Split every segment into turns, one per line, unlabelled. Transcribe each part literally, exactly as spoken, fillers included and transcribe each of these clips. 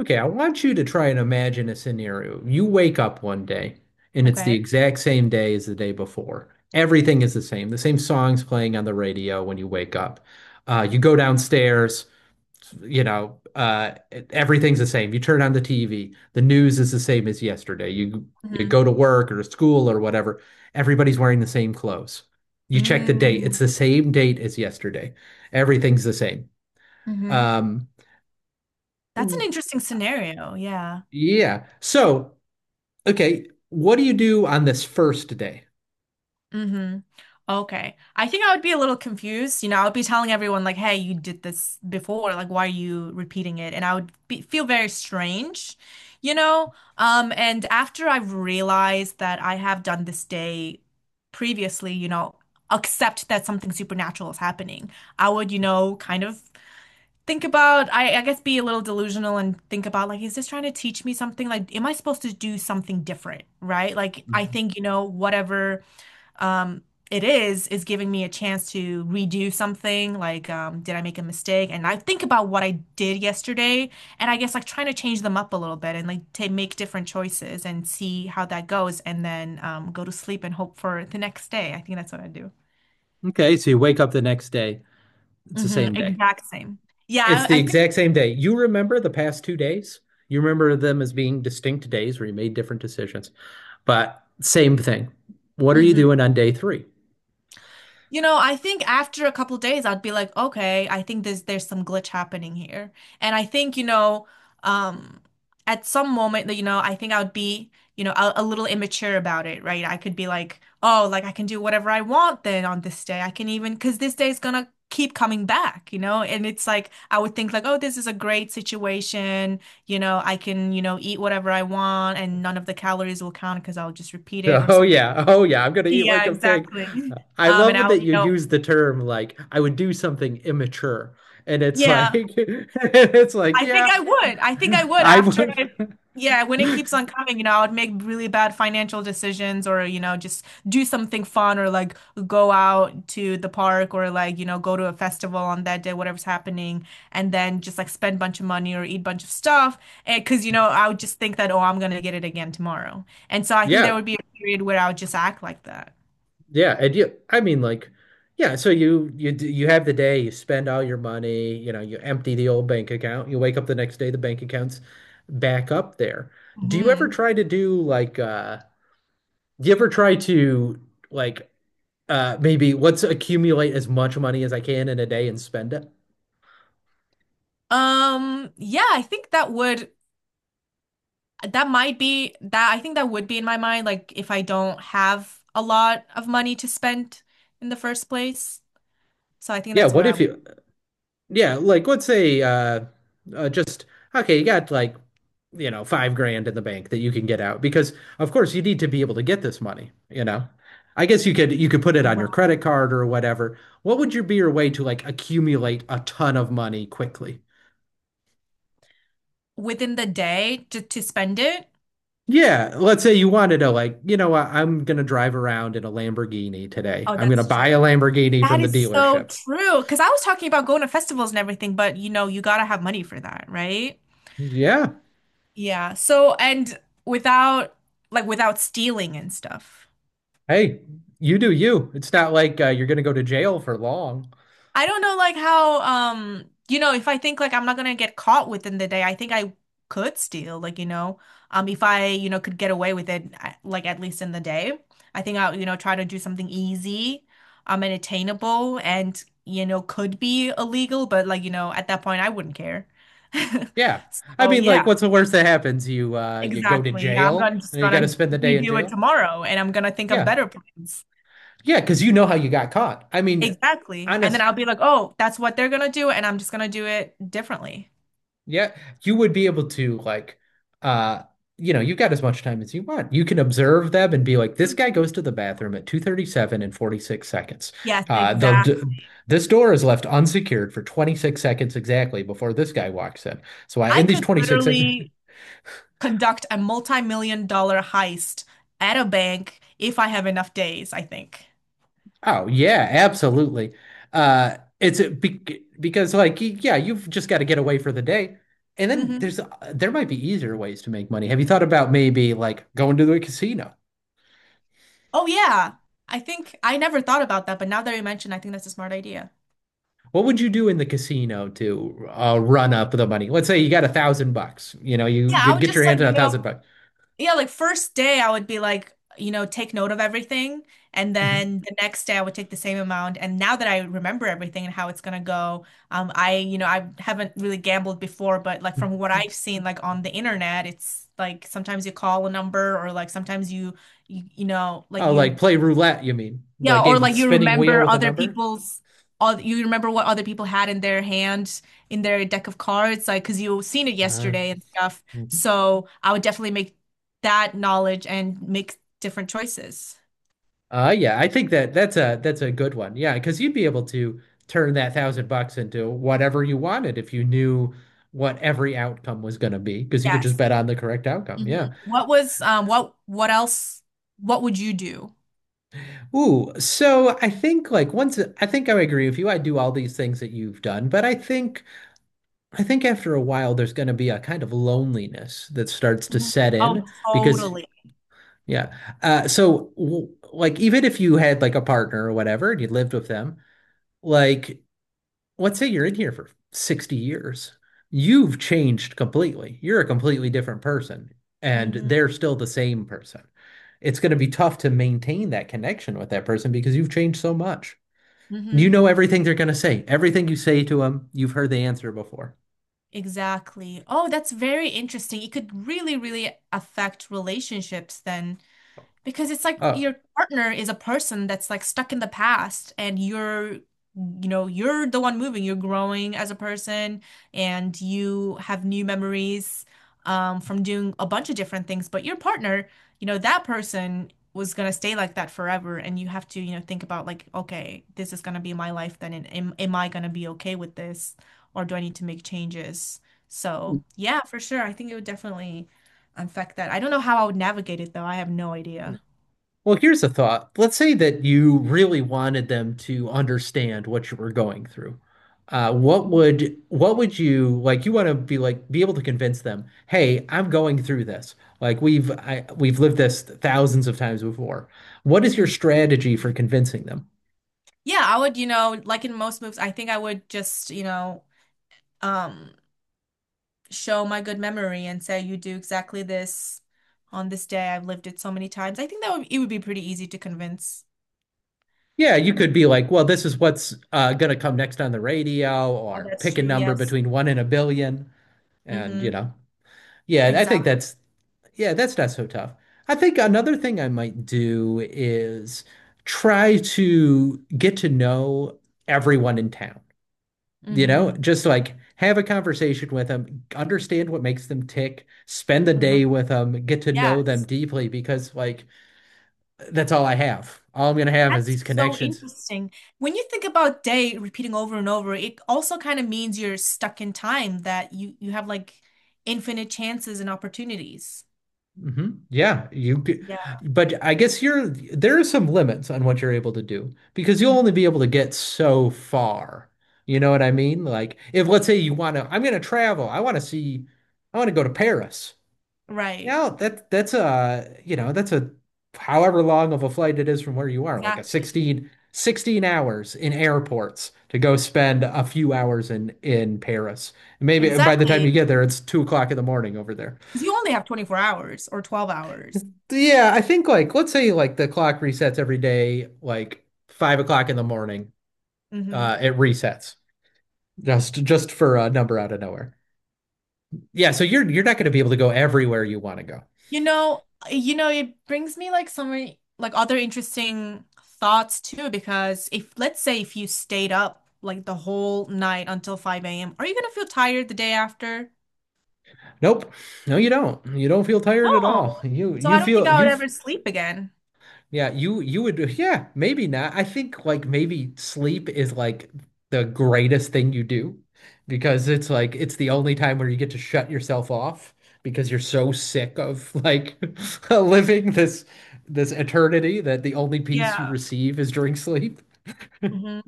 Okay, I want you to try and imagine a scenario. You wake up one day and it's the
Okay.
exact same day as the day before. Everything is the same. The same songs playing on the radio when you wake up. Uh, you go downstairs, you know, uh, everything's the same. You turn on the T V. The news is the same as yesterday. You you
hmm
go to work or to school or whatever. Everybody's wearing the same clothes. You check the date.
Mm.
It's the same date as yesterday. Everything's the same.
hmm
Um,
That's an interesting scenario. Yeah.
yeah. So, Okay, what do you do on this first day?
hmm Okay. I think I would be a little confused. You know, I would be telling everyone like, "Hey, you did this before. Like, why are you repeating it?" And I would be, feel very strange, you know? Um, and after I've realized that I have done this day previously, you know, accept that something supernatural is happening, I would, you know, kind of think about I, I guess be a little delusional and think about like, is this trying to teach me something? Like, am I supposed to do something different, right? Like, I
Mhm.
think, you know, whatever um it is is giving me a chance to redo something. Like, um did I make a mistake? And I think about what I did yesterday, and I guess like trying to change them up a little bit and like to make different choices and see how that goes. And then um go to sleep and hope for the next day. I think that's what I do.
Okay, so you wake up the next day. It's the
Hmm
same day.
exact same,
It's
yeah, I,
the
I think.
exact same day. You remember the past two days? You remember them as being distinct days where you made different decisions, but same thing. What are you
Mhm.
doing on day three?
You know, I think after a couple days, I'd be like, okay, I think there's there's some glitch happening here. And I think, you know, um, at some moment that, you know, I think I would be, you know, a, a little immature about it, right? I could be like, oh, like I can do whatever I want then on this day. I can even, because this day is gonna keep coming back, you know? And it's like, I would think like, oh, this is a great situation. You know, I can, you know, eat whatever I want and none of the calories will count because I'll just repeat it or
Oh
something.
yeah. Oh yeah. I'm gonna eat
Yeah,
like a pig.
exactly.
I
Um, and
love
I'll,
that
you
you
know,
use the term like I would do something immature. And it's like
Yeah,
it's like,
I think
yeah,
I would. I think I would
I
after
would.
I, yeah, when it keeps on coming, you know, I would make really bad financial decisions or, you know, just do something fun or like go out to the park or like, you know, go to a festival on that day, whatever's happening, and then just like spend a bunch of money or eat a bunch of stuff. And because, you know, I would just think that, oh, I'm gonna get it again tomorrow. And so I think there
Yeah.
would be a period where I would just act like that.
Yeah. And you I mean, like, yeah, so you you d- you have the day, you spend all your money, you know, you empty the old bank account, you wake up the next day, the bank account's back up there. Do you ever
hmm
try to do like uh do you ever try to like uh Maybe let's accumulate as much money as I can in a day and spend it.
Um, yeah, I think that would. That might be that I think that would be in my mind, like if I don't have a lot of money to spend in the first place. So I think
Yeah,
that's
what
where I
if
would
you yeah, like let's say uh, uh just okay, you got like, you know, five grand in the bank that you can get out because of course you need to be able to get this money, you know. I guess you could you could put it on your
ra-
credit card or whatever. What would your be your way to like accumulate a ton of money quickly?
within the day to, to spend it.
Yeah, let's say you wanted to like, you know what, I'm gonna drive around in a Lamborghini today.
Oh,
I'm gonna
that's true.
buy a Lamborghini
That
from the
is so
dealership.
true. Because I was talking about going to festivals and everything, but you know, you gotta have money for that, right?
Yeah.
Yeah. So, and without like without stealing and stuff.
Hey, you do you. It's not like uh, you're gonna go to jail for long.
I don't know like how um you know if I think like I'm not gonna get caught within the day. I think I could steal like, you know, um if I, you know, could get away with it, I- like at least in the day, I think I'll, you know, try to do something easy um and attainable and, you know, could be illegal, but like, you know, at that point I wouldn't care.
Yeah. I
So
mean, like,
yeah,
what's the worst that happens? You uh you go to
exactly, yeah, I'm
jail
gonna just
and you got to
gonna
spend the day in
redo it
jail.
tomorrow and I'm gonna think of
Yeah.
better plans.
Yeah, because you know how you got caught. I mean,
Exactly. And then
honest.
I'll be like, oh, that's what they're gonna do, and I'm just gonna do it differently.
Yeah, you would be able to like uh you know, you've got as much time as you want. You can observe them and be like, this guy
Mhm.
goes to the bathroom at two thirty-seven and forty-six seconds.
Yes,
Uh the d-
exactly.
this door is left unsecured for twenty-six seconds exactly before this guy walks in. So I
I
in these
could
twenty-six sec
literally conduct a multi-million dollar heist at a bank if I have enough days, I think.
Oh, yeah, absolutely. Uh it's a, be Because like y- yeah, you've just got to get away for the day. And then there's
hmm
uh, there might be easier ways to make money. Have you thought about maybe like going to the casino?
Oh yeah. I think I never thought about that, but now that you mention, I think that's a smart idea.
What would you do in the casino to uh, run up the money? Let's say you got a thousand bucks. You know, you
Yeah, I
could
would
get your
just like,
hand on
you
a
know,
thousand bucks.
yeah, like first day I would be like, you know, take note of everything. And
Mhm.
then the next day I would take the same amount. And now that I remember everything and how it's gonna go, um, I, you know, I haven't really gambled before, but like from what I've seen, like on the internet, it's like sometimes you call a number or like sometimes you, you, you know, like
Oh, like
you,
play roulette, you mean? The
yeah,
game
or
with the
like you
spinning wheel
remember
with a
other
number?
people's, oth- you remember what other people had in their hand, in their deck of cards, like because you seen it
Uh,
yesterday and stuff.
mhm.
So I would definitely make that knowledge and make different choices.
Uh yeah, I think that that's a that's a good one. Yeah, because you'd be able to turn that thousand bucks into whatever you wanted if you knew what every outcome was going to be, because you could just
Yes.
bet on the correct outcome.
Mhm.
Yeah.
What was um what what else? What would you do?
Ooh, so I think like once I think I agree with you. I do all these things that you've done, but I think. I think after a while, there's going to be a kind of loneliness that starts to
Mhm.
set
Oh,
in because,
totally.
yeah. Uh, so, w like, even if you had like a partner or whatever and you lived with them, like, let's say you're in here for sixty years, you've changed completely. You're a completely different person, and
hmm
they're still the same person. It's going to be tough to maintain that connection with that person because you've changed so much. You
hmm
know everything they're going to say. Everything you say to them, you've heard the answer before.
Exactly. Oh, that's very interesting. It could really, really affect relationships then. Because it's like
Oh.
your partner is a person that's like stuck in the past and you're, you know, you're the one moving. You're growing as a person and you have new memories um, from doing a bunch of different things. But your partner, you know, that person was gonna stay like that forever. And you have to, you know, think about like, okay, this is gonna be my life then. And am, am I gonna be okay with this? Or do I need to make changes? So yeah, for sure. I think it would definitely affect that. I don't know how I would navigate it though. I have no idea.
Well, here's a thought. Let's say that you really wanted them to understand what you were going through. Uh, what
Mhm.
would what would you like? You want to be like be able to convince them, "Hey, I'm going through this. Like we've I, we've lived this thousands of times before." What is your strategy for convincing them?
Yeah, I would, you know, like in most moves, I think I would just, you know, um, show my good memory and say you do exactly this on this day. I've lived it so many times. I think that would, it would be pretty easy to convince
Yeah, you could
them.
be like, well, this is what's uh, going to come next on the radio,
Oh,
or
that's
pick a
true.
number
Yes.
between one and a billion. And, you
Mm-hmm.
know, yeah, I think
Exactly.
that's, yeah, that's not so tough. I think another
Mm-hmm.
thing I might do is try to get to know everyone in town, you know,
hmm
just like have a conversation with them, understand what makes them tick, spend the day with them, get to know them
Yes.
deeply, because, like, that's all I have. All I'm going to have is
That's
these
so
connections.
interesting. When you think about day repeating over and over, it also kind of means you're stuck in time, that you you have like infinite chances and opportunities.
hmm yeah, you could,
Yeah.
but I guess you're there are some limits on what you're able to do because you'll only be able to get so far. You know what I mean? Like, if let's say you want to, I'm going to travel. I want to see, I want to go to Paris.
Right.
Now that that's a, you know, that's a however long of a flight it is from where you are, like a
Exactly.
sixteen, sixteen hours in airports to go spend a few hours in in Paris. Maybe by the time you
Exactly.
get there, it's two o'clock in the morning over there.
'Cause you only have twenty-four hours or twelve hours.
Yeah, I think like let's say like the clock resets every day, like five o'clock in the morning.
hmm
Uh, it resets just just for a number out of nowhere. Yeah, so you're you're not going to be able to go everywhere you want to go.
You know, you know, it brings me like some re- like other interesting thoughts too, because if let's say if you stayed up like the whole night until five a m, are you gonna feel tired the day after?
Nope, no, you don't. You don't feel tired at all.
No.
You
So
you
I don't think
feel
I would
you.
ever sleep again.
Yeah, you you would, yeah, maybe not. I think like maybe sleep is like the greatest thing you do because it's like it's the only time where you get to shut yourself off because you're so sick of like living this this eternity that the only peace you
Yeah.
receive is during sleep.
hmm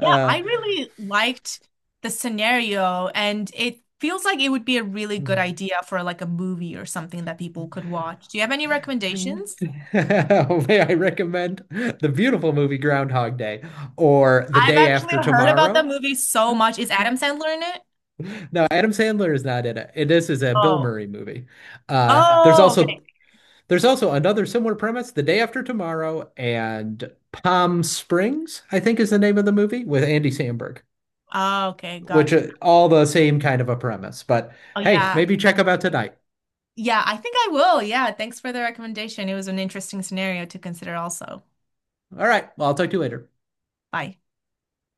Yeah, I really liked the scenario, and it feels like it would be a really good idea for like a movie or something that people could watch. Do you have any recommendations?
may I recommend the beautiful movie Groundhog Day or The
I've
Day
actually
After
heard about that
Tomorrow?
movie so much. Is Adam Sandler in it?
No, Adam Sandler is not in it. It- This is a Bill
Oh.
Murray movie. Uh, there's
Oh, okay.
also there's also another similar premise, The Day After Tomorrow and Palm Springs, I think is the name of the movie with Andy Samberg,
Oh, okay,
which
gotcha.
are all the same kind of a premise. But
Oh,
hey,
yeah.
maybe check them out tonight.
Yeah, I think I will. Yeah, thanks for the recommendation. It was an interesting scenario to consider also.
All right, well, I'll talk to you later.
Bye.